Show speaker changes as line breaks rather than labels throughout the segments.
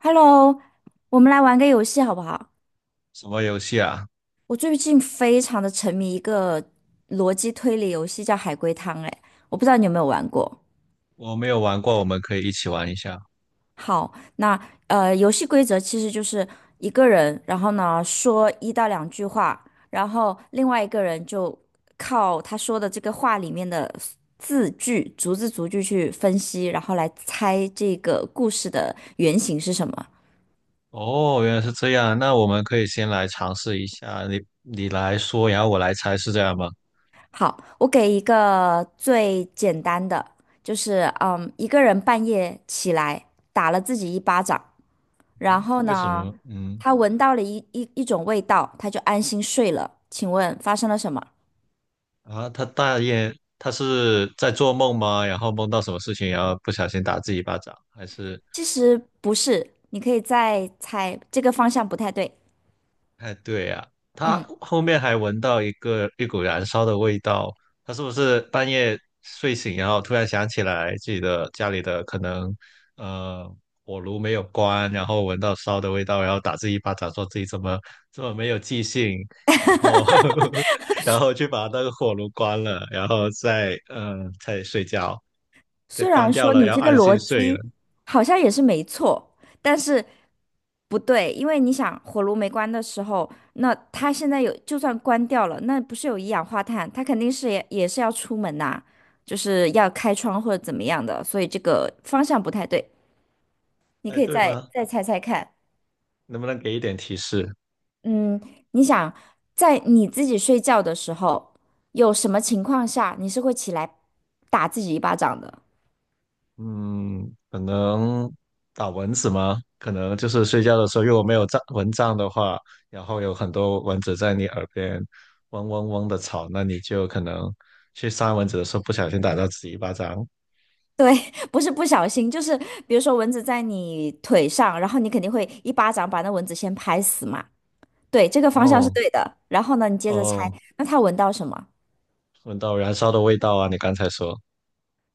Hello，我们来玩个游戏好不好？
什么游戏啊？
我最近非常的沉迷一个逻辑推理游戏，叫海龟汤。哎，我不知道你有没有玩过。
我没有玩过，我们可以一起玩一下。
好，那游戏规则其实就是一个人，然后呢说一到两句话，然后另外一个人就靠他说的这个话里面的字句，逐字逐句去分析，然后来猜这个故事的原型是什么。
哦，原来是这样，那我们可以先来尝试一下，你来说，然后我来猜，是这样吗？
好，我给一个最简单的，就是一个人半夜起来打了自己一巴掌，然
嗯，
后
为什
呢，
么？嗯，
他闻到了一种味道，他就安心睡了。请问发生了什么？
啊，他大爷，他是在做梦吗？然后梦到什么事情，然后不小心打自己一巴掌，还是
其实不是，你可以再猜，这个方向不太对。
哎，对呀、他
嗯。
后面还闻到一个一股燃烧的味道，他是不是半夜睡醒，然后突然想起来自己的家里的可能呃火炉没有关，然后闻到烧的味道，然后打自己一巴掌，说自己怎么这么没有记性，然后 然后去把那个火炉关了，然后再再睡觉，再
虽
关
然
掉
说这你
了，
样
要
这个子
安
逻
心睡了。
辑好像也是没错，但是不对，因为你想火炉没关的时候，那它现在有就算关掉了，那不是有一氧化碳，它肯定是也是要出门呐、就是要开窗或者怎么样的，所以这个方向不太对。你
哎，
可以
对
再
吗？
再猜猜看，
能不能给一点提示？
嗯，你想在你自己睡觉的时候，有什么情况下你是会起来打自己一巴掌的？
嗯，可能打蚊子吗？可能就是睡觉的时候，如果没有帐蚊帐的话，然后有很多蚊子在你耳边嗡嗡嗡的吵，那你就可能去扇蚊子的时候不小心打到自己一巴掌。
对，不是不小心，就是比如说蚊子在你腿上，然后你肯定会一巴掌把那蚊子先拍死嘛。对，这个方向是
哦
对的。然后呢，你接着猜，
哦，
那它闻到什么？
闻到燃烧的味道啊！你刚才说，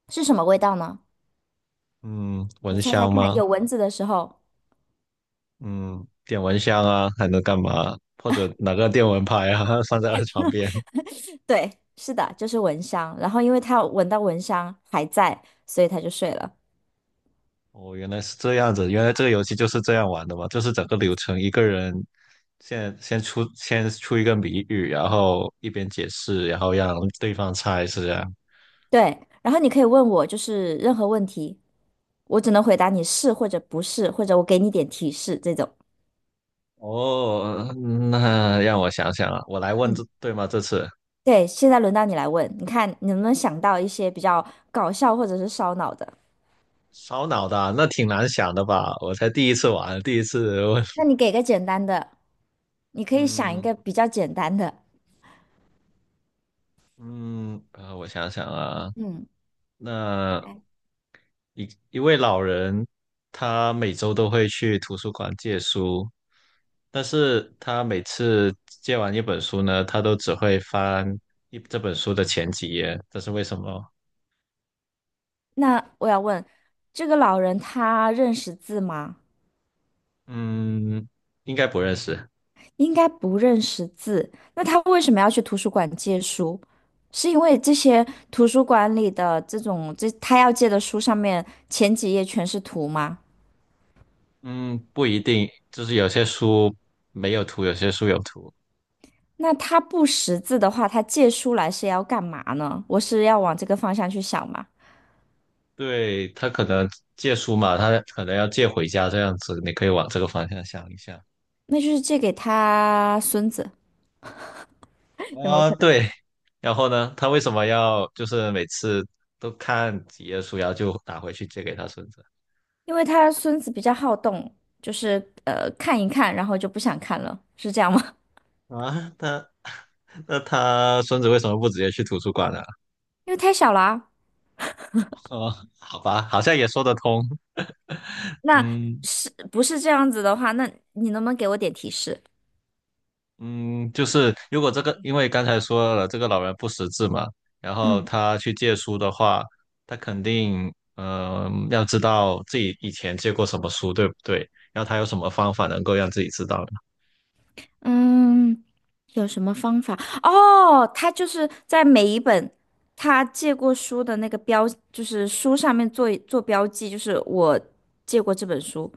是什么味道呢？
嗯，
你
蚊
猜猜
香
看，
吗？
有蚊子的时候，
嗯，点蚊香啊，还能干嘛？或者拿个电蚊拍啊，放在床边。
对，是的，就是蚊香。然后因为它闻到蚊香还在，所以它就睡了。
哦，原来是这样子，原来这个游戏就是这样玩的嘛，就是整个流程一个人先出一个谜语，然后一边解释，然后让对方猜，是这样。
对，然后你可以问我就是任何问题，我只能回答你是或者不是，或者我给你点提示这种。
哦，那让我想想啊，我来问
嗯。
这对吗？这次
对，现在轮到你来问，你看你能不能想到一些比较搞笑或者是烧脑的？
烧脑的啊那挺难想的吧？我才第一次玩，第一次问，
那你给个简单的，你 可以想一
嗯
个比较简单的。
嗯，我想想啊，
嗯，
那
哎，
一位老人，他每周都会去图书馆借书，但是他每次借完一本书呢，他都只会翻一这本书的前几页，这是为什么？
那我要问，这个老人他认识字吗？
嗯，应该不认识。
应该不认识字，那他为什么要去图书馆借书？是因为这些图书馆里的这种，这他要借的书上面前几页全是图吗？
嗯，不一定，就是有些书没有图，有些书有图。
那他不识字的话，他借书来是要干嘛呢？我是要往这个方向去想嘛？
对，他可能借书嘛，他可能要借回家这样子，你可以往这个方向想一下。
那就是借给他孙子，有没有
啊，
可能？
对，然后呢，他为什么要就是每次都看几页书，然后就打回去借给他孙子
因为他孙子比较好动，就是看一看，然后就不想看了，是这样吗？
啊？他 那他孙子为什么不直接去图书馆呢？
因为太小了啊。
哦，好吧，好像也说得通。
那
嗯
是不是这样子的话？那你能不能给我点提示？
嗯，就是如果这个，因为刚才说了这个老人不识字嘛，然后
嗯。
他去借书的话，他肯定嗯、要知道自己以前借过什么书，对不对？然后他有什么方法能够让自己知道呢？
嗯，有什么方法？哦，他就是在每一本他借过书的那个标，就是书上面做标记，就是我借过这本书，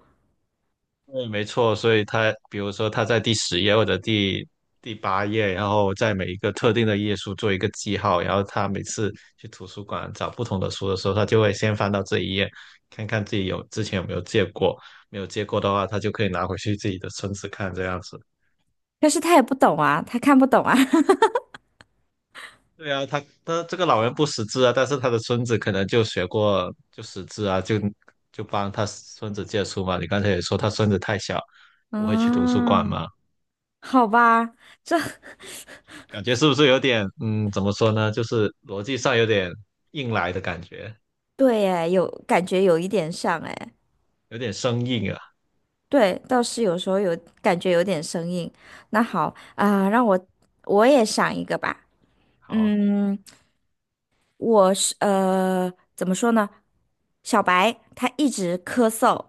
对，没错，所以他比如说他在第十页或者第八页，然后在每一个特定的页数做一个记号，然后他每次去图书馆找不同的书的时候，他就会先翻到这一页，看看自己有之前有没有借过，没有借过的话，他就可以拿回去自己的孙子看这样子。
但是他也不懂啊，他看不懂啊。
对啊，他这个老人不识字啊，但是他的孙子可能就学过就识字啊，就帮他孙子借书嘛。你刚才也说他孙子太小，不会去图书馆
嗯，
嘛。
好吧，这
感觉是不是有点，嗯，怎么说呢？就是逻辑上有点硬来的感觉，
对哎，有感觉有一点像哎，
有点生硬啊。
对，倒是有时候有感觉有点生硬。那好啊，让我也想一个吧。
好，
嗯，我是怎么说呢？小白他一直咳嗽，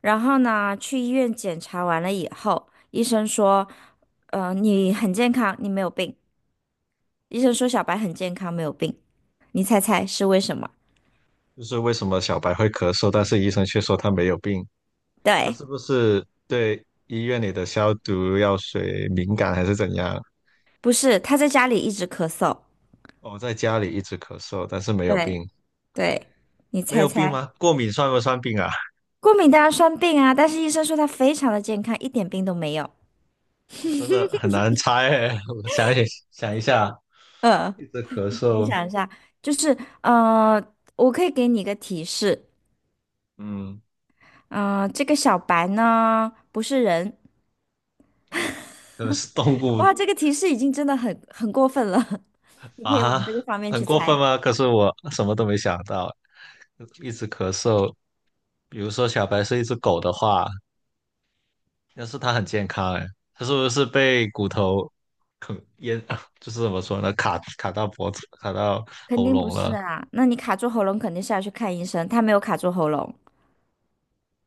然后呢，去医院检查完了以后，医生说，你很健康，你没有病。医生说小白很健康，没有病。你猜猜是为什么？
就是为什么小白会咳嗽，但是医生却说他没有病？他
对，
是不是对医院里的消毒药水敏感，还是怎样？
不是，他在家里一直咳嗽。
哦，在家里一直咳嗽，但是没有
对
病，
对，你
没
猜
有病
猜，
吗？过敏算不算病啊？
过敏当然算病啊，但是医生说他非常的健康，一点病都没有。
哦，真的很难猜诶。我想一想一下，一直咳
你
嗽，
想一下，就是我可以给你一个提示，
嗯，
这个小白呢不是人，
哦，可能是动物
哇，这个提示已经真的很过分了，你可以往
啊，
这个方面
很
去
过分
猜，
吗？可是我什么都没想到，一直咳嗽。比如说小白是一只狗的话，要是它很健康，哎，它是不是被骨头啃淹，就是怎么说呢，卡到脖子，卡到
肯
喉
定不
咙
是
了？
啊。那你卡住喉咙肯定是要去看医生，他没有卡住喉咙，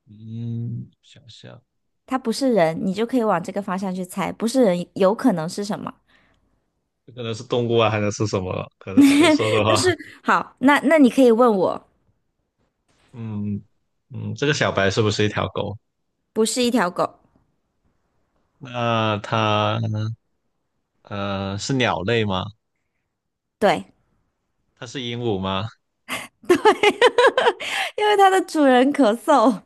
嗯，想想，
他不是人，你就可以往这个方向去猜，不是人有可能是什么？
这可能是动物啊，还能是什么？可能可说的
但
话，
是好，那你可以问我，
嗯嗯，这个小白是不是一条狗？
不是一条狗，
那它是鸟类吗？
对
它是鹦鹉吗？
对，因为它的主人咳嗽，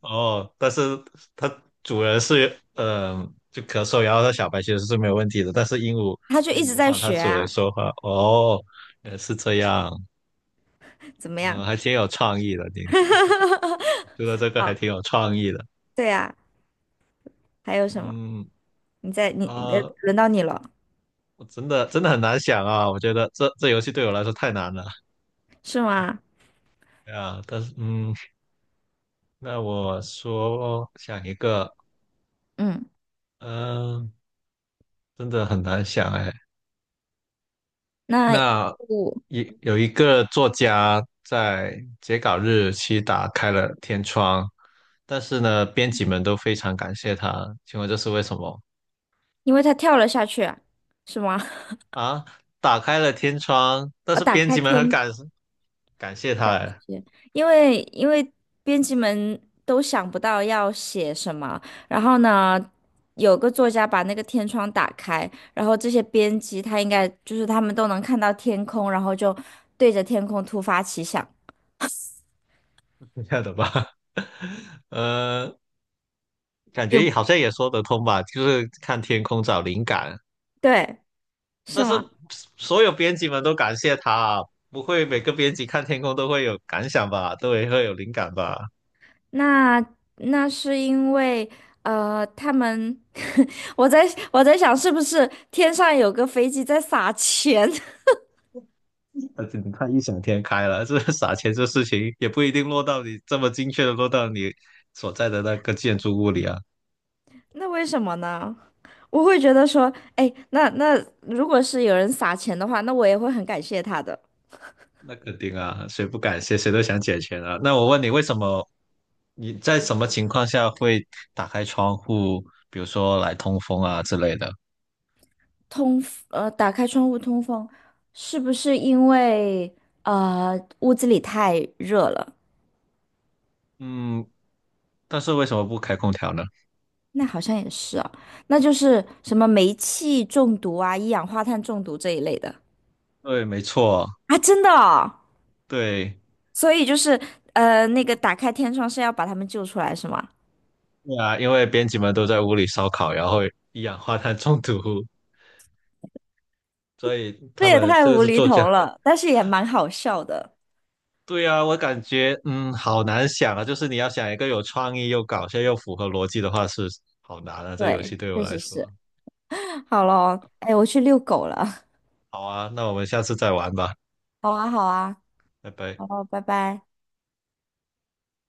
哦，但是它主人是嗯，就咳嗽，然后它小白其实是没有问题的，但是鹦鹉
它就
会
一直
模
在
仿它
学
主人
啊，
说话。哦，原来是这样，
怎么样？
呃，还挺有创意的，你 觉得 这个还
好，
挺有创意的。
对啊，还有什么？
嗯
你在
啊，
轮到你了，
我真的很难想啊，我觉得这游戏对我来说太难了。
是吗？
对啊，但是嗯，那我说想一个，
嗯。
嗯，真的很难想哎。
那
那
我
一有一个作家在截稿日期打开了天窗，但是呢，编辑们都非常感谢他。请问这是为什么
因为他跳了下去啊是吗？
啊？打开了天窗，但
啊，
是
打
编
开
辑们很
天
感感谢
感
他，哎，
觉，因为编辑们都想不到要写什么，然后呢，有个作家把那个天窗打开，然后这些编辑他应该就是他们都能看到天空，然后就对着天空突发奇想，
是这样的吧？呃，感
有，
觉好像也说得通吧，就是看天空找灵感。
对，
但
是
是
吗？
所有编辑们都感谢他啊，不会每个编辑看天空都会有感想吧，都会有灵感吧？
那是因为，他们，我在我在想，是不是天上有个飞机在撒钱？
而且你太异想天开了，这撒钱这事情也不一定落到你这么精确的落到你所在的那个建筑物里啊，
那为什么呢？我会觉得说，哎，那如果是有人撒钱的话，那我也会很感谢他的。
那肯定啊，谁不感谢谁都想捡钱啊。那我问你，为什么你在什么情况下会打开窗户，比如说来通风啊之类的？
通，打开窗户通风，是不是因为屋子里太热了？
嗯，但是为什么不开空调呢？
那好像也是啊，那就是什么煤气中毒啊、一氧化碳中毒这一类的
对，没错，
啊，真的哦
对，
所以就是那个打开天窗是要把他们救出来，是吗？
对啊，因为编辑们都在屋里烧烤，然后一氧化碳中毒，所以
这
他
也
们
太
这个
无
是
厘
作家。
头了，但是也蛮好笑的。
对啊，我感觉嗯，好难想啊。就是你要想一个有创意、又搞笑、又符合逻辑的话，是好难啊。这游
对，
戏对我
确
来
实
说，
是。好咯，哎，我去遛狗了。
好啊，那我们下次再玩吧，
好啊，好啊，
拜拜。
好咯，拜拜。